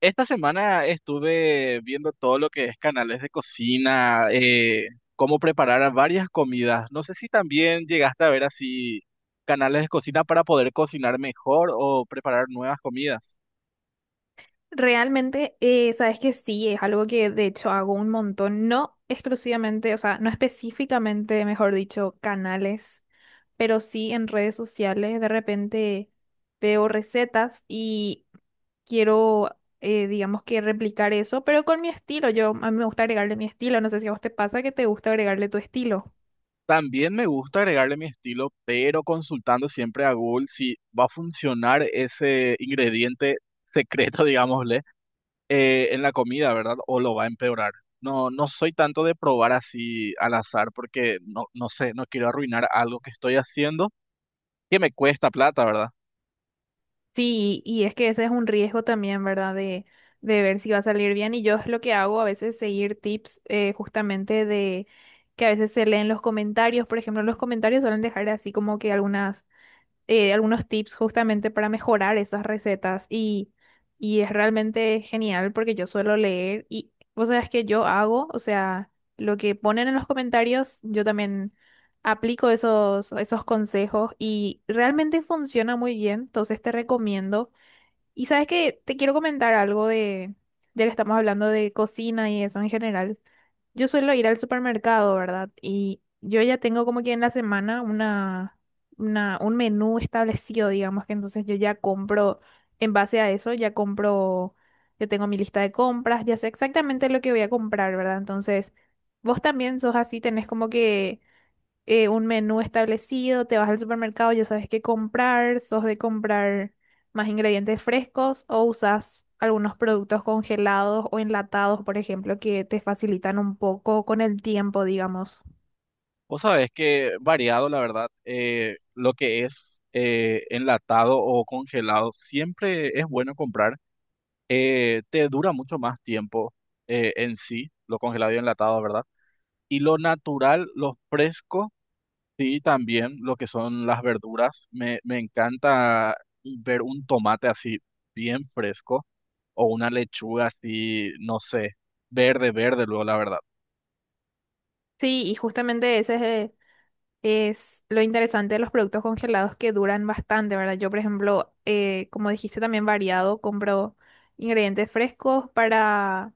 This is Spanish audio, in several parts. Esta semana estuve viendo todo lo que es canales de cocina, cómo preparar a varias comidas. No sé si también llegaste a ver así canales de cocina para poder cocinar mejor o preparar nuevas comidas. Realmente, sabes que sí, es algo que de hecho hago un montón, no exclusivamente, o sea, no específicamente, mejor dicho, canales, pero sí en redes sociales. De repente veo recetas y quiero, digamos que replicar eso, pero con mi estilo. Yo, a mí me gusta agregarle mi estilo. No sé si a vos te pasa que te gusta agregarle tu estilo. También me gusta agregarle mi estilo, pero consultando siempre a Google si va a funcionar ese ingrediente secreto, digámosle. En la comida, ¿verdad? O lo va a empeorar. No, soy tanto de probar así al azar porque no sé, no quiero arruinar algo que estoy haciendo que me cuesta plata, ¿verdad? Sí, y es que ese es un riesgo también, ¿verdad? De ver si va a salir bien. Y yo es lo que hago a veces, seguir tips justamente de que a veces se leen los comentarios. Por ejemplo, los comentarios suelen dejar así como que algunas algunos tips justamente para mejorar esas recetas y es realmente genial porque yo suelo leer y vos sabés que yo hago, o sea, lo que ponen en los comentarios, yo también aplico esos consejos y realmente funciona muy bien, entonces te recomiendo. Y sabes que te quiero comentar algo de, ya que estamos hablando de cocina y eso en general. Yo suelo ir al supermercado, ¿verdad? Y yo ya tengo como que en la semana un menú establecido, digamos que entonces yo ya compro, en base a eso, ya compro, ya tengo mi lista de compras, ya sé exactamente lo que voy a comprar, ¿verdad? Entonces, vos también sos así, tenés como que un menú establecido, te vas al supermercado, ya sabes qué comprar, sos de comprar más ingredientes frescos o usas algunos productos congelados o enlatados, por ejemplo, que te facilitan un poco con el tiempo, digamos. Vos sabés que variado, la verdad, lo que es enlatado o congelado siempre es bueno comprar. Te dura mucho más tiempo en sí, lo congelado y enlatado, ¿verdad? Y lo natural, lo fresco. Sí, también lo que son las verduras. Me encanta ver un tomate así bien fresco o una lechuga así, no sé, verde, verde luego, la verdad. Sí, y justamente ese es lo interesante de los productos congelados que duran bastante, ¿verdad? Yo, por ejemplo, como dijiste, también variado, compro ingredientes frescos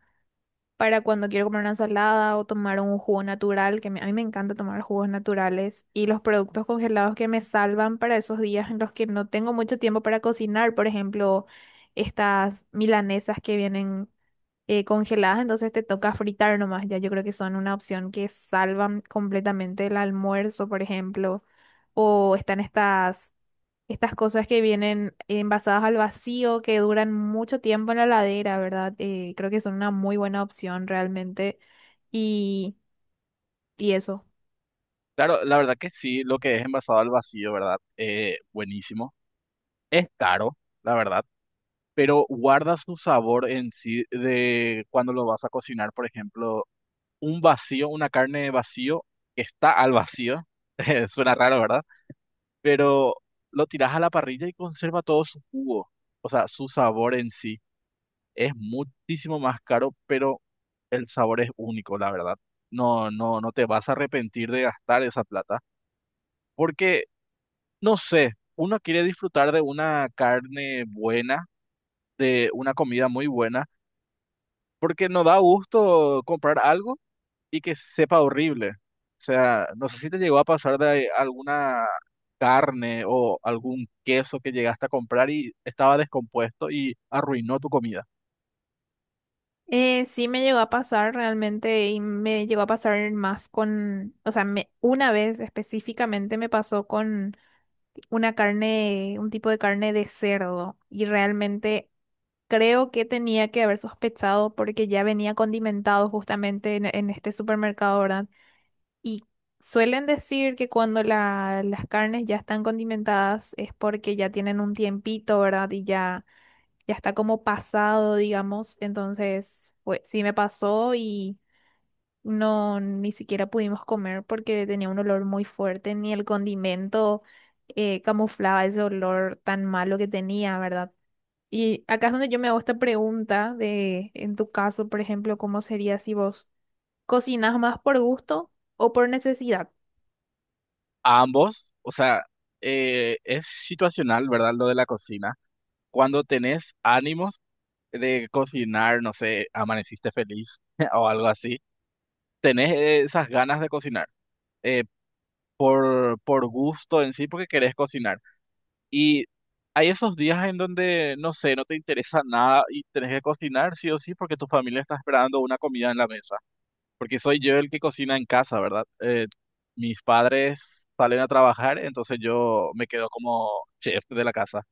para cuando quiero comer una salada o tomar un jugo natural, a mí me encanta tomar jugos naturales, y los productos congelados que me salvan para esos días en los que no tengo mucho tiempo para cocinar, por ejemplo, estas milanesas que vienen congeladas, entonces te toca fritar nomás, ya yo creo que son una opción que salvan completamente el almuerzo, por ejemplo, o están estas cosas que vienen envasadas al vacío, que duran mucho tiempo en la heladera, ¿verdad? Creo que son una muy buena opción realmente. Y, y eso. Claro, la verdad que sí, lo que es envasado al vacío, ¿verdad? Buenísimo. Es caro, la verdad, pero guarda su sabor en sí de cuando lo vas a cocinar, por ejemplo, un vacío, una carne de vacío que está al vacío. Suena raro, ¿verdad? Pero lo tiras a la parrilla y conserva todo su jugo, o sea, su sabor en sí. Es muchísimo más caro, pero el sabor es único, la verdad. No, no, no te vas a arrepentir de gastar esa plata, porque, no sé, uno quiere disfrutar de una carne buena, de una comida muy buena, porque no da gusto comprar algo y que sepa horrible. O sea, no sé si te llegó a pasar de alguna carne o algún queso que llegaste a comprar y estaba descompuesto y arruinó tu comida. Sí me llegó a pasar realmente y me llegó a pasar más con, o sea, una vez específicamente me pasó con una carne, un tipo de carne de cerdo y realmente creo que tenía que haber sospechado porque ya venía condimentado justamente en este supermercado, ¿verdad? Y suelen decir que cuando las carnes ya están condimentadas es porque ya tienen un tiempito, ¿verdad? Y ya, ya está como pasado, digamos. Entonces, pues sí me pasó y no, ni siquiera pudimos comer porque tenía un olor muy fuerte, ni el condimento camuflaba ese olor tan malo que tenía, ¿verdad? Y acá es donde yo me hago esta pregunta de, en tu caso, por ejemplo, ¿cómo sería si vos cocinas más por gusto o por necesidad? A ambos, o sea, es situacional, ¿verdad? Lo de la cocina. Cuando tenés ánimos de cocinar, no sé, amaneciste feliz o algo así, tenés esas ganas de cocinar eh, por gusto en sí, porque querés cocinar. Y hay esos días en donde, no sé, no te interesa nada y tenés que cocinar sí o sí porque tu familia está esperando una comida en la mesa. Porque soy yo el que cocina en casa, ¿verdad? Mis padres salen a trabajar, entonces yo me quedo como chef de la casa,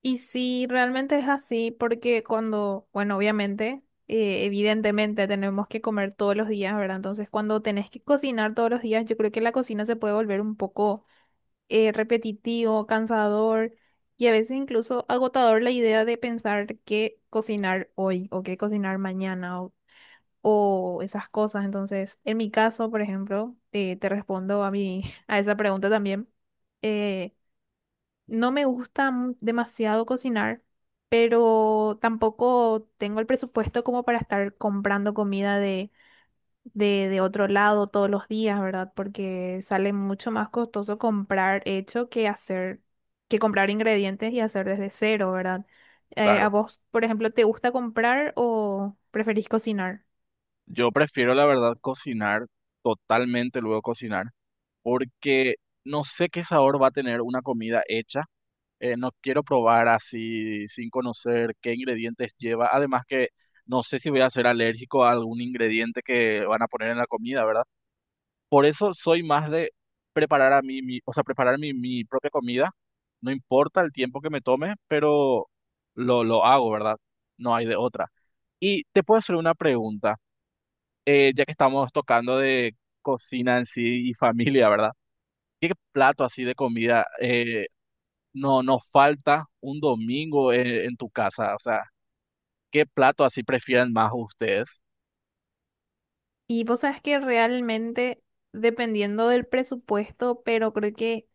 Y sí, realmente es así, porque cuando, bueno, obviamente, evidentemente tenemos que comer todos los días, ¿verdad? Entonces, cuando tenés que cocinar todos los días, yo creo que la cocina se puede volver un poco repetitivo, cansador y a veces incluso agotador la idea de pensar qué cocinar hoy o qué cocinar mañana o esas cosas. Entonces, en mi caso, por ejemplo, te respondo a mi, a esa pregunta también. eh, no me gusta demasiado cocinar, pero tampoco tengo el presupuesto como para estar comprando comida de, de otro lado todos los días, ¿verdad? Porque sale mucho más costoso comprar hecho que hacer, que comprar ingredientes y hacer desde cero, ¿verdad? ¿A claro. vos, por ejemplo, te gusta comprar o preferís cocinar? Yo prefiero, la verdad, cocinar, totalmente luego cocinar, porque no sé qué sabor va a tener una comida hecha. No quiero probar así sin conocer qué ingredientes lleva. Además que no sé si voy a ser alérgico a algún ingrediente que van a poner en la comida, ¿verdad? Por eso soy más de preparar a o sea, preparar mi propia comida. No importa el tiempo que me tome, pero lo hago, ¿verdad? No hay de otra. Y te puedo hacer una pregunta, ya que estamos tocando de cocina en sí y familia, ¿verdad? ¿Qué plato así de comida no falta un domingo en tu casa? O sea, ¿qué plato así prefieren más ustedes? Y vos sabes que realmente dependiendo del presupuesto, pero creo que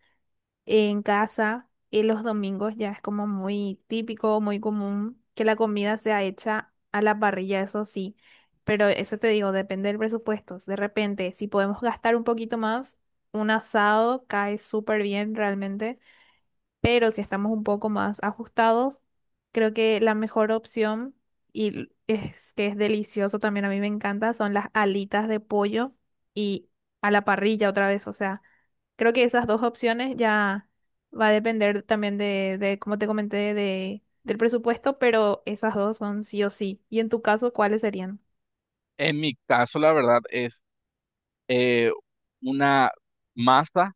en casa y los domingos ya es como muy típico, muy común que la comida sea hecha a la parrilla, eso sí. Pero eso te digo, depende del presupuesto. De repente, si podemos gastar un poquito más, un asado cae súper bien realmente, pero si estamos un poco más ajustados, creo que la mejor opción, y es que es delicioso también, a mí me encanta, son las alitas de pollo y a la parrilla otra vez. O sea, creo que esas dos opciones ya va a depender también de como te comenté, de, del presupuesto, pero esas dos son sí o sí. ¿Y en tu caso, cuáles serían? En mi caso, la verdad, es eh, una masa,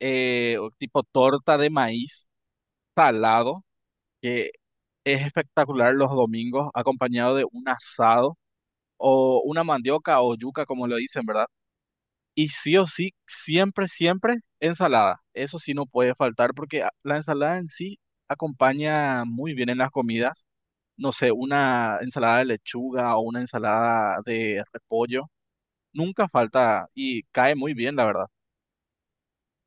o tipo torta de maíz salado, que es espectacular los domingos, acompañado de un asado o una mandioca o yuca, como lo dicen, ¿verdad? Y sí o sí, siempre, siempre ensalada. Eso sí no puede faltar porque la ensalada en sí acompaña muy bien en las comidas. No sé, una ensalada de lechuga o una ensalada de repollo. Nunca falta y cae muy bien, la verdad.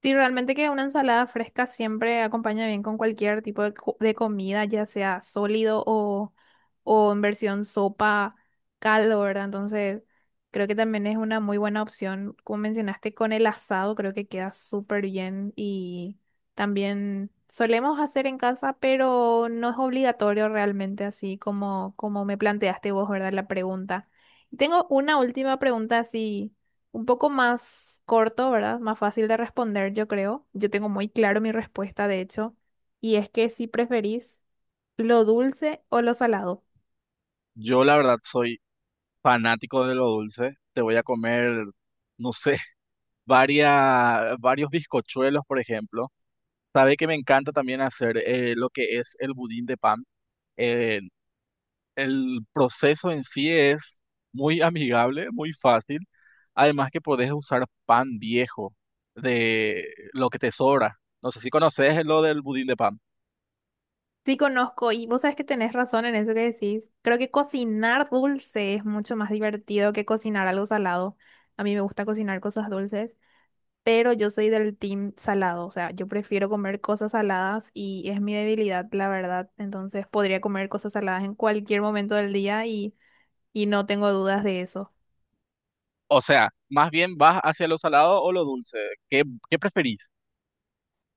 Sí, realmente que una ensalada fresca siempre acompaña bien con cualquier tipo de comida, ya sea sólido o en versión sopa, caldo, ¿verdad? Entonces, creo que también es una muy buena opción. Como mencionaste, con el asado creo que queda súper bien y también solemos hacer en casa, pero no es obligatorio realmente, así como, como me planteaste vos, ¿verdad? La pregunta. Tengo una última pregunta así un poco más corto, ¿verdad? Más fácil de responder, yo creo. Yo tengo muy claro mi respuesta, de hecho, y es que si preferís lo dulce o lo salado. Yo, la verdad, soy fanático de lo dulce. Te voy a comer, no sé, varios bizcochuelos, por ejemplo. Sabe que me encanta también hacer lo que es el budín de pan. Eh, El proceso en sí es muy amigable, muy fácil. Además que podés usar pan viejo de lo que te sobra. No sé si conoces lo del budín de pan. Sí conozco, y vos sabes que tenés razón en eso que decís. Creo que cocinar dulce es mucho más divertido que cocinar algo salado. A mí me gusta cocinar cosas dulces, pero yo soy del team salado, o sea, yo prefiero comer cosas saladas y es mi debilidad, la verdad. Entonces podría comer cosas saladas en cualquier momento del día y no tengo dudas de eso. O sea, más bien vas hacia lo salado o lo dulce. ¿Qué, ¿qué preferís?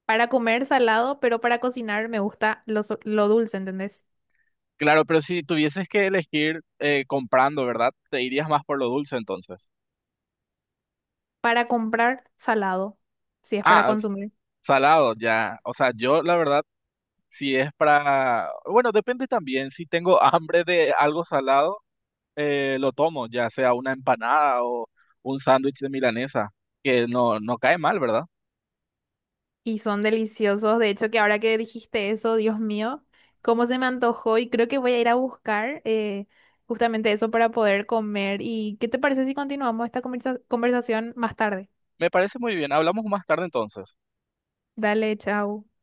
Para comer salado, pero para cocinar me gusta lo dulce, ¿entendés? Claro, pero si tuvieses que elegir, comprando, ¿verdad? Te irías más por lo dulce entonces. Para comprar salado, si es para Ah, consumir. salado, ya. O sea, yo la verdad, si es para... Bueno, depende también. Si tengo hambre de algo salado, lo tomo, ya sea una empanada o un sándwich de milanesa, que no cae mal, ¿verdad? Y son deliciosos. De hecho, que ahora que dijiste eso, Dios mío, cómo se me antojó y creo que voy a ir a buscar justamente eso para poder comer. ¿Y qué te parece si continuamos esta conversación más tarde? Me parece muy bien. Hablamos más tarde entonces. Dale, chao.